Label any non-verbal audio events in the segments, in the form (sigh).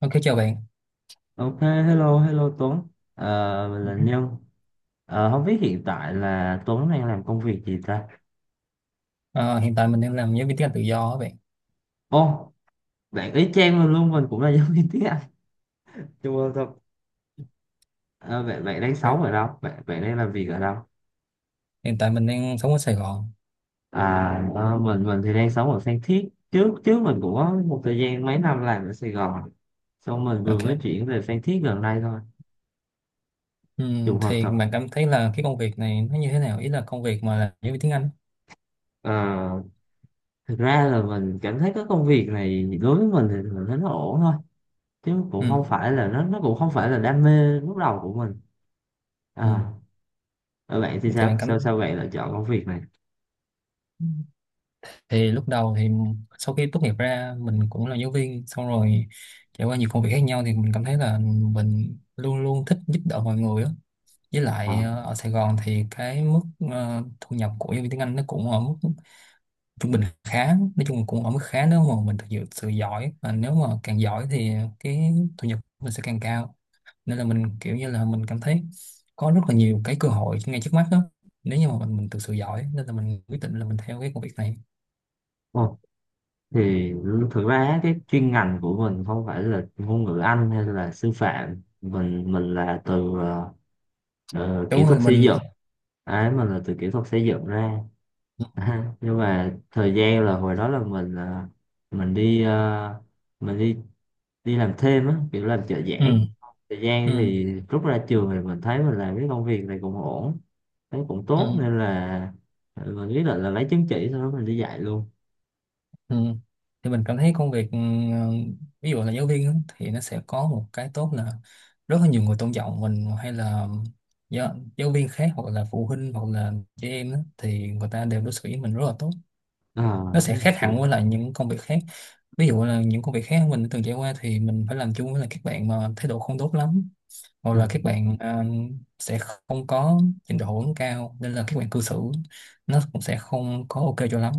Ok chào bạn. Ok, hello Tuấn. Mình là Nhân. Không biết hiện tại là Tuấn đang làm công việc gì ta? Ờ, Hiện tại mình đang làm giáo viên tiếng Anh tự do á bạn. Ô, bạn ý chang mình luôn, mình cũng là giáo viên tiếng Anh. Chua thật. Bạn đang sống Ok. ở đâu? Bạn đang làm việc ở đâu? Hiện tại mình đang sống ở Sài Gòn. À, mình thì đang sống ở Phan Thiết. Trước trước mình cũng có một thời gian mấy năm làm ở Sài Gòn. Xong mình vừa mới Ok. chuyển về Phan Thiết gần đây thôi. Trùng hợp Thì thật. bạn cảm thấy là cái công việc này nó như thế nào? Ý là công việc mà là giáo viên tiếng Anh. À, thực ra là mình cảm thấy cái công việc này đối với mình thì mình thấy nó ổn thôi, chứ Ừ. cũng không phải là nó cũng không phải là đam mê lúc đầu của mình. Ừ. À ở bạn thì Thì bạn sao cảm sao sao bạn lại chọn công việc này? thì lúc đầu thì sau khi tốt nghiệp ra mình cũng là giáo viên xong rồi trải qua nhiều công việc khác nhau, thì mình cảm thấy là mình luôn luôn thích giúp đỡ mọi người á. Với lại à ở Sài Gòn thì cái mức thu nhập của giáo viên tiếng Anh nó cũng ở mức trung bình khá, nói chung cũng ở mức khá nếu mà mình thực sự giỏi, và nếu mà càng giỏi thì cái thu nhập mình sẽ càng cao, nên là mình kiểu như là mình cảm thấy có rất là nhiều cái cơ hội ngay trước mắt đó, nếu như mà mình thực sự giỏi, nên là mình quyết định là mình theo cái công việc này. ồ, thì thực ra cái chuyên ngành của mình không phải là ngôn ngữ Anh hay là sư phạm, mình là từ kỹ Đúng rồi. thuật xây Mình. dựng. Đấy, mình là từ kỹ thuật xây dựng ra. (laughs) Nhưng mà thời gian là hồi đó là mình ờ, mình đi đi làm thêm á, kiểu làm trợ Ừ. giảng. Thời gian Ừ. thì rút ra trường thì mình thấy mình làm cái công việc này cũng ổn. Thấy cũng Ừ. tốt nên là mình quyết định là lấy chứng chỉ, sau đó mình đi dạy luôn. Ừ. Thì mình cảm thấy công việc ví dụ là giáo viên á, thì nó sẽ có một cái tốt là rất là nhiều người tôn trọng mình, hay là giáo viên khác hoặc là phụ huynh hoặc là trẻ em á, thì người ta đều đối xử với mình rất là tốt. à, Nó sẽ khác kiểu hẳn với lại những công việc khác. Ví dụ là những công việc khác mình đã từng trải qua thì mình phải làm chung với lại các bạn mà thái độ không tốt lắm, hoặc ờ, là các bạn sẽ không có trình độ cao, nên là các bạn cư xử nó cũng sẽ không có ok cho lắm.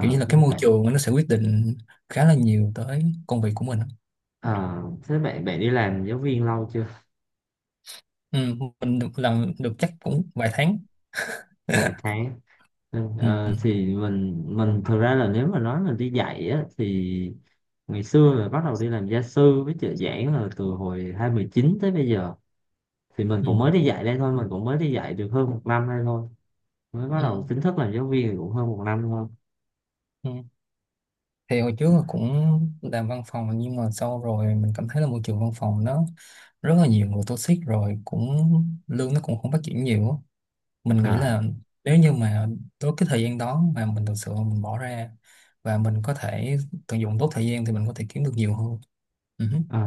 Kiểu như là cái môi bạn trường nó sẽ quyết định khá là nhiều tới công việc của mình. à, thế bạn bạn đi làm giáo viên lâu chưa? Ừ, mình được làm được chắc cũng vài tháng. Vài (laughs) tháng. Ừ, Ừ, ừ, thì mình thực ra là nếu mà nói mình đi dạy á, thì ngày xưa là bắt đầu đi làm gia sư với trợ giảng là từ hồi 2019 tới bây giờ. Thì mình ừ, cũng mới đi dạy đây thôi, mình cũng mới đi dạy được hơn một năm đây thôi. Mới bắt đầu ừ. chính thức làm giáo viên thì cũng hơn một năm thôi. Ừ. Thì hồi trước là cũng làm văn phòng, nhưng mà sau rồi mình cảm thấy là môi trường văn phòng nó rất là nhiều người toxic, rồi cũng lương nó cũng không phát triển nhiều á. Mình nghĩ à, là nếu như mà tới cái thời gian đó mà mình thực sự mình bỏ ra và mình có thể tận dụng tốt thời gian thì mình có thể kiếm được nhiều hơn. Ừ. ờ.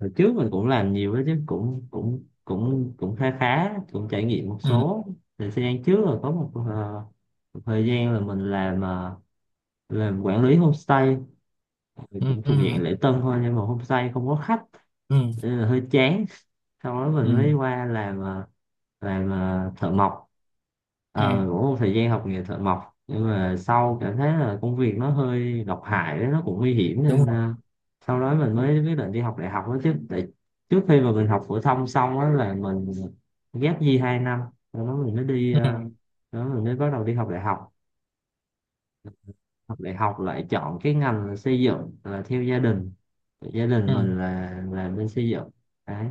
hồi trước mình cũng làm nhiều đó chứ, cũng cũng cũng cũng khá khá, cũng trải nghiệm một Ừ. số. Thời gian trước là có một thời gian là mình làm làm quản lý homestay. Thì Ừ. Ừ. cũng thuộc Ừ. dạng lễ tân thôi, nhưng mà homestay không có khách Ừ. nên là hơi chán. Sau đó mình Ừ. mới qua làm thợ mộc. Ừ, Ờ, cũng một thời gian học nghề thợ mộc, nhưng mà sau cảm thấy là công việc nó hơi độc hại đấy, nó cũng nguy hiểm đúng nên rồi. sau đó mình mới quyết định đi học đại học đó chứ, tại trước khi mà mình học phổ thông xong á là mình ghép gì 2 năm, sau đó mình mới đi Ừ, ờ, đó mình mới bắt đầu đi học đại học. Học đại học lại chọn cái ngành là xây dựng, là theo gia đình. Gia đình ừ. mình là bên xây dựng. Đấy,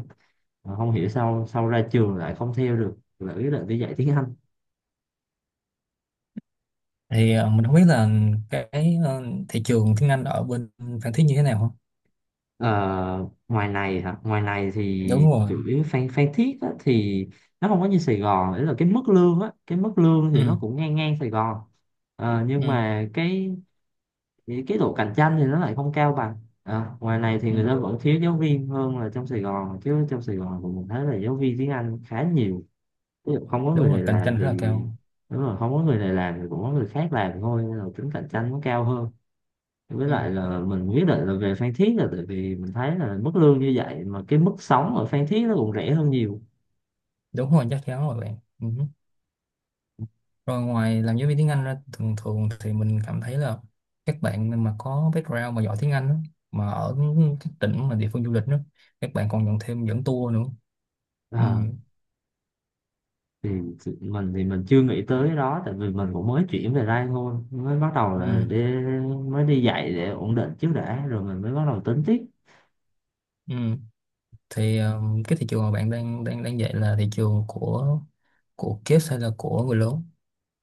mà không hiểu sao sau ra trường lại không theo được, lại quyết định đi dạy tiếng Anh. Thì mình không biết là cái thị trường tiếng Anh ở bên Phan Thiết như thế nào không? Ờ, ngoài này hả? Ngoài này thì Đúng rồi. chủ yếu Phan Phan Thiết á, thì nó không có như Sài Gòn đấy, là cái mức lương á, cái mức lương thì Ừ, nó cũng ngang ngang Sài Gòn. Ờ, nhưng ừ, mà cái độ cạnh tranh thì nó lại không cao bằng. Ờ, ngoài này thì người ừ. ta vẫn thiếu giáo viên hơn là trong Sài Gòn, chứ trong Sài Gòn thì mình thấy là giáo viên tiếng Anh khá nhiều. Ví dụ không có Đúng người rồi, này cạnh làm tranh thì, rất là cao. đúng rồi, không có người này làm thì cũng có người khác làm thôi, nên là tính cạnh tranh nó cao hơn. Với Ừ. lại là mình quyết định là về Phan Thiết là tại vì mình thấy là mức lương như vậy mà cái mức sống ở Phan Thiết nó cũng rẻ hơn nhiều. Đúng rồi, chắc chắn rồi bạn. Ừ. Rồi ngoài làm giáo viên tiếng Anh ra, thường thường thì mình cảm thấy là các bạn mà có background mà giỏi tiếng Anh á, mà ở các tỉnh mà địa phương du lịch đó, các bạn còn nhận thêm dẫn tour nữa. Ừ, À, thì thì mình thì mình chưa nghĩ tới cái đó, tại vì mình cũng mới chuyển về đây thôi, mới bắt đầu ừ, là đi, mới đi dạy để ổn định trước đã, rồi mình mới bắt đầu tính tiếp. ừ. Thì cái thị trường mà bạn đang đang đang dạy là thị trường của kids hay là của người lớn?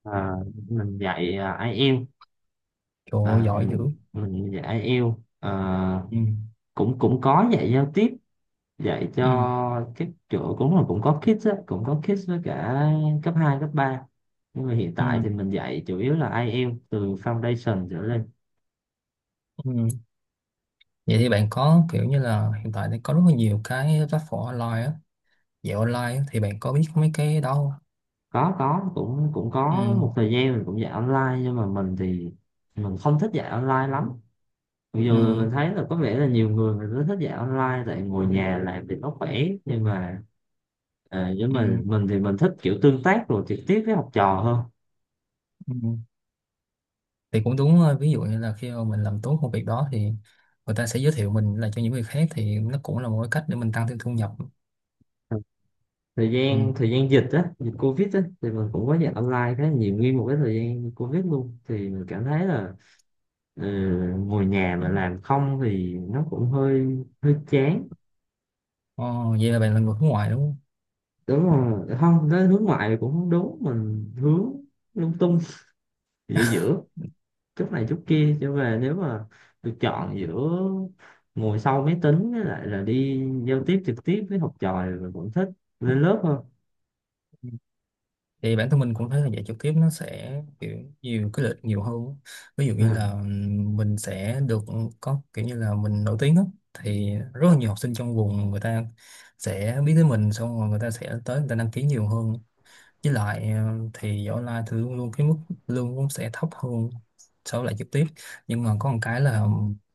À, mình dạy IELTS. Trời ơi, à, giỏi dữ. mình, mình dạy IELTS. à, Ừ. cũng cũng có dạy giao tiếp, dạy Ừ. cho các chỗ, cũng là cũng có kids á, cũng có kids với cả cấp 2 cấp ba, nhưng mà hiện tại Ừ. thì mình dạy chủ yếu là IELTS từ foundation trở lên. Ừ. Vậy thì bạn có kiểu như là hiện tại thì có rất là nhiều cái platform online á, dạy online á, thì bạn có biết mấy cái đó không? Có, cũng cũng Ừ. có một thời gian mình cũng dạy online, nhưng mà mình thì mình không thích dạy online lắm. Mặc Ừ. dù là mình thấy là có vẻ là nhiều người người ta thích dạy online tại ngồi nhà làm thì nó khỏe, nhưng mà. Với Ừ. mình thì mình thích kiểu tương tác rồi trực tiếp với học trò hơn. Ừ. Thì cũng đúng thôi. Ví dụ như là khi mà mình làm tốt công việc đó thì người ta sẽ giới thiệu mình là cho những người khác, thì nó cũng là một cái cách để mình tăng thêm thu nhập. thời Ừ. gian thời gian dịch á, dịch covid á, thì mình cũng có dạy online khá là nhiều, nguyên một cái thời gian covid luôn, thì mình cảm thấy là ừ, ngồi nhà mà làm không thì nó cũng hơi hơi chán. Ồ, vậy là bạn là người nước ngoài đúng Đúng rồi, không, nó hướng ngoại cũng không đúng, mình hướng lung tung, giữa giữa chút này chút kia, cho về nếu mà được chọn giữa ngồi sau máy tính với lại là đi giao tiếp trực tiếp với học trò thì mình vẫn thích lên lớp hơn. không? Thì bản thân mình cũng thấy là dạy trực tiếp nó sẽ kiểu nhiều cái lợi nhiều hơn á. Ví dụ như là Ừ. mình sẽ được, có kiểu như là mình nổi tiếng á, thì rất là nhiều học sinh trong vùng người ta sẽ biết tới mình, xong rồi người ta sẽ tới người ta đăng ký nhiều hơn. Với lại thì dạy online thì luôn luôn cái mức lương cũng sẽ thấp hơn so với lại trực tiếp. Nhưng mà có một cái là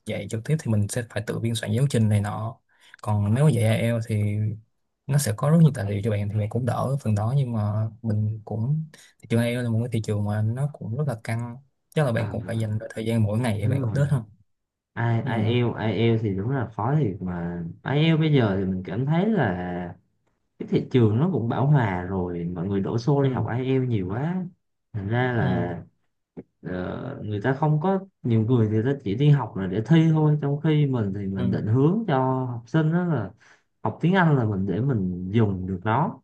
dạy trực tiếp thì mình sẽ phải tự biên soạn giáo trình này nọ, còn nếu mà dạy IELTS thì nó sẽ có rất nhiều tài liệu cho bạn thì bạn cũng đỡ phần đó. Nhưng mà mình cũng, thị trường AI eo là một cái thị trường mà nó cũng rất là căng, chắc là à, bạn cũng phải dành thời gian mỗi ngày để đúng bạn rồi, update ha. Ừ. ai IELTS IELTS thì đúng là khó thiệt, mà ai IELTS bây giờ thì mình cảm thấy là cái thị trường nó cũng bão hòa rồi, mọi người đổ xô Ừ. đi học IELTS nhiều quá, thành ra Ừ. là người ta không có nhiều, người thì ta chỉ đi học là để thi thôi, trong khi mình thì mình Ừ. định hướng cho học sinh đó là học tiếng Anh là mình để mình dùng được nó.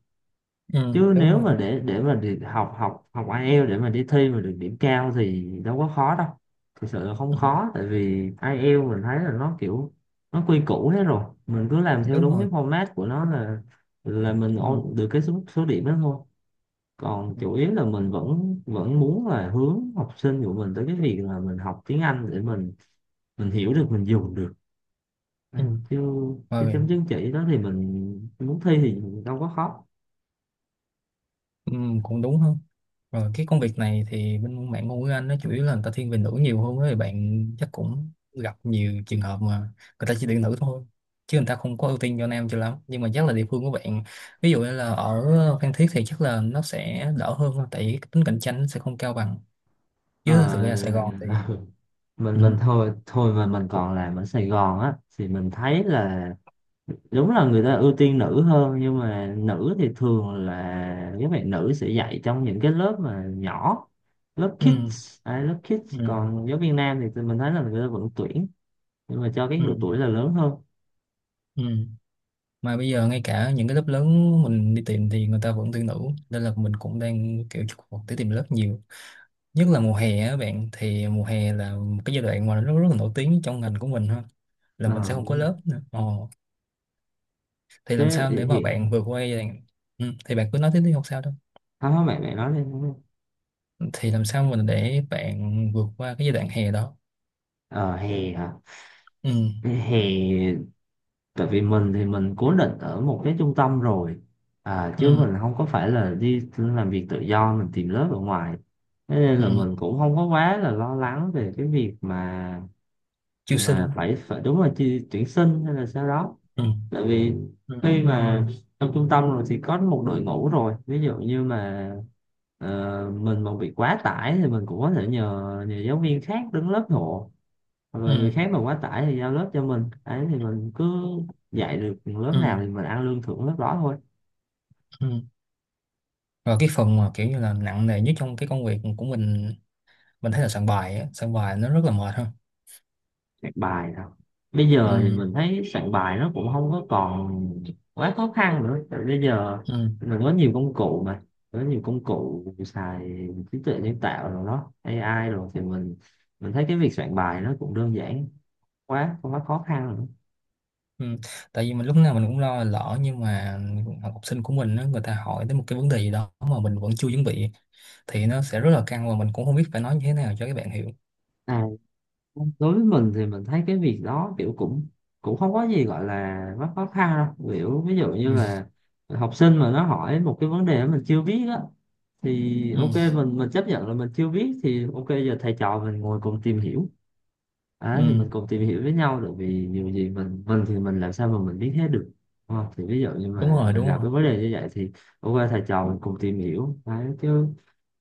Ừ. Chứ Đúng nếu rồi mà chứ. để mà đi học học học IELTS để mà đi thi mà được điểm cao thì đâu có khó đâu. Thực sự là không Ừ. khó, tại vì IELTS mình thấy là nó kiểu nó quy củ hết rồi, mình cứ làm theo Đúng đúng cái rồi. format của nó là Ừ. Được cái số số điểm đó thôi. Còn Ừ. chủ yếu là mình vẫn vẫn muốn là hướng học sinh của mình tới cái việc là mình học tiếng Anh để mình hiểu được, mình dùng được. Ừ. Chứ cái chấm Rồi. chứng chỉ đó thì mình muốn thi thì đâu có khó. Ừ, cũng đúng không? Rồi cái công việc này thì bên bạn ngôn ngữ Anh nó chủ yếu là người ta thiên về nữ nhiều hơn ấy. Bạn chắc cũng gặp nhiều trường hợp mà người ta chỉ tuyển nữ thôi. Chứ người ta không có ưu tiên cho nam cho lắm. Nhưng mà chắc là địa phương của bạn, ví dụ như là ở Phan Thiết thì chắc là nó sẽ đỡ hơn thôi. Tại vì cái tính cạnh tranh nó sẽ không cao bằng. Ờ, Chứ thực ra Sài Gòn thì... mình Ừ. mình thôi thôi mà mình còn làm ở Sài Gòn á, thì mình thấy là đúng là người ta ưu tiên nữ hơn, nhưng mà nữ thì thường là các bạn nữ sẽ dạy trong những cái lớp mà nhỏ. Lớp Ừ. kids à, lớp kids, Ừ. còn giáo viên nam thì tụi mình thấy là người ta vẫn tuyển, nhưng mà cho cái Ừ. độ tuổi là lớn hơn. Ừ. Mà bây giờ ngay cả những cái lớp lớn mình đi tìm thì người ta vẫn tuyển nữ. Nên là mình cũng đang kiểu chụp vào để tìm lớp, nhiều nhất là mùa hè á bạn, thì mùa hè là một cái giai đoạn mà nó rất là nổi tiếng trong ngành của mình ha, là mình Ờ, sẽ không có lớp nữa. Ồ, thì làm thế sao để mà hiện. bạn vượt qua giai đoạn... Ừ, thì bạn cứ nói tiếp đi không sao đâu. Không, không, bạn bạn nói đi. Thì làm sao mình để bạn vượt qua cái giai đoạn hè đó? Ờ hè hả? Ừ. Hè. Tại vì mình thì mình cố định ở một cái trung tâm rồi. Chứ mình Ừ. không có phải là đi làm việc tự do mình tìm lớp ở ngoài. Thế nên là Ừ. mình cũng không có quá là lo lắng về cái việc mà Chiêu sinh. mà phải phải đúng là chi, tuyển sinh hay là sao đó. Ừ. Tại vì Ừ. khi mà trong trung tâm rồi thì có một đội ngũ rồi, ví dụ như mà ờ, mình mà bị quá tải thì mình cũng có thể nhờ nhờ giáo viên khác đứng lớp hộ. Hoặc là người Ừ. khác mà quá tải thì giao lớp cho mình ấy, thì mình cứ dạy được lớp Ừ. nào thì mình ăn lương thưởng lớp đó thôi. Ừ. Rồi cái phần mà kiểu như là nặng nề nhất trong cái công việc của mình thấy là soạn bài á, soạn bài nó rất là mệt ha. Soạn bài nào. Bây giờ thì Ừ. mình thấy soạn bài nó cũng không có còn quá khó khăn nữa, tại bây giờ Ừ. mình có nhiều công cụ mà, có nhiều công cụ xài trí tuệ nhân tạo rồi đó, AI rồi thì mình thấy cái việc soạn bài nó cũng đơn giản, quá không quá khó khăn nữa. Ừ. Tại vì mình lúc nào mình cũng lo lỡ nhưng mà học sinh của mình á, người ta hỏi tới một cái vấn đề gì đó mà mình vẫn chưa chuẩn bị thì nó sẽ rất là căng và mình cũng không biết phải nói như thế nào cho các bạn hiểu. À đối với mình thì mình thấy cái việc đó kiểu, cũng cũng không có gì gọi là quá khó khăn đâu, kiểu ví dụ như Ừ. là học sinh mà nó hỏi một cái vấn đề mà mình chưa biết á. Thì Ừ. ok, mình chấp nhận là mình chưa biết, thì ok, giờ thầy trò mình ngồi cùng tìm hiểu. Thì mình Ừ. cùng tìm hiểu với nhau, tại vì nhiều gì mình thì mình làm sao mà mình biết hết được? Đúng không? Thì ví dụ như Đúng mà rồi, mình đúng gặp rồi. cái vấn đề như vậy thì ok thầy trò mình cùng tìm hiểu. Đấy, chứ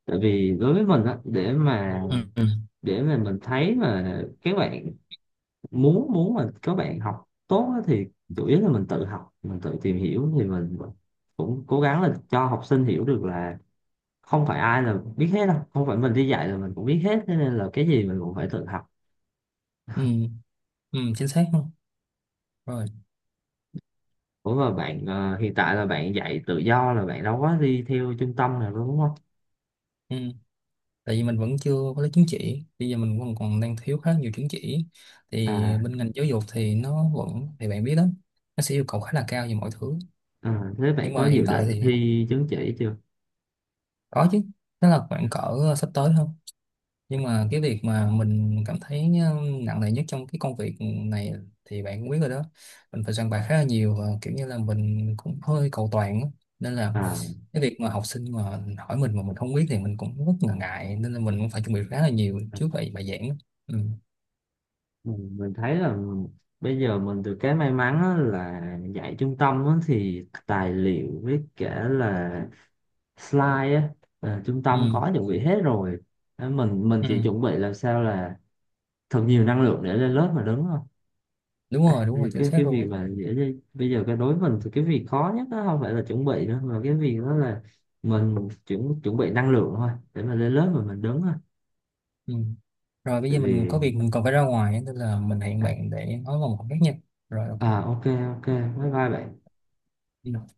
tại vì đối với mình á, để mà Ừ. Ừ. để mà mình thấy mà các bạn muốn muốn mà các bạn học tốt á, thì chủ yếu là mình tự học mình tự tìm hiểu. Thì mình cũng cố gắng là cho học sinh hiểu được là không phải ai là biết hết đâu, không phải mình đi dạy là mình cũng biết hết, thế nên là cái gì mình cũng phải tự học. Ừ. Ừ. Chính xác không? Rồi. Ủa mà bạn hiện tại là bạn dạy tự do là bạn đâu có đi theo trung tâm nào đâu, đúng không? Ừ. Tại vì mình vẫn chưa có lấy chứng chỉ, bây giờ mình còn còn đang thiếu khá nhiều chứng chỉ, thì à, bên ngành giáo dục thì nó vẫn, thì bạn biết đó, nó sẽ yêu cầu khá là cao về mọi thứ. à thế bạn Nhưng có mà hiện dự tại định thì thi chứng chỉ chưa? có chứ, nó là khoảng cỡ sắp tới thôi. Nhưng mà cái việc mà mình cảm thấy nặng nề nhất trong cái công việc này thì bạn cũng biết rồi đó, mình phải soạn bài khá là nhiều và kiểu như là mình cũng hơi cầu toàn á. Nên là à cái việc mà học sinh mà hỏi mình mà mình không biết thì mình cũng rất là ngại, nên là mình cũng phải chuẩn bị khá là nhiều à, trước bài bài giảng á. Ừ. mình mình thấy là bây giờ mình được cái may mắn á là dạy trung tâm á, thì tài liệu với cả là slide á, trung tâm Ừ. có chuẩn bị hết rồi. Ờ, mình Ừ. chỉ chuẩn bị làm sao là thật nhiều năng lượng để lên lớp mà, đúng không? Đúng à, rồi, đúng thì rồi, chính cái xác cái việc luôn. mà dễ bây giờ cái, đối với mình thì cái việc khó nhất đó không phải là chuẩn bị nữa, mà cái việc đó là mình chuẩn chuẩn bị năng lượng thôi để mà lên lớp mà mình đứng thôi. Ừ. Rồi bây Tại giờ vì, mình có việc mình còn phải ra ngoài á, nên là mình hẹn à, bạn để nói vào một khác nha. Rồi ok. ok, ok, bye bye bạn. Ừ.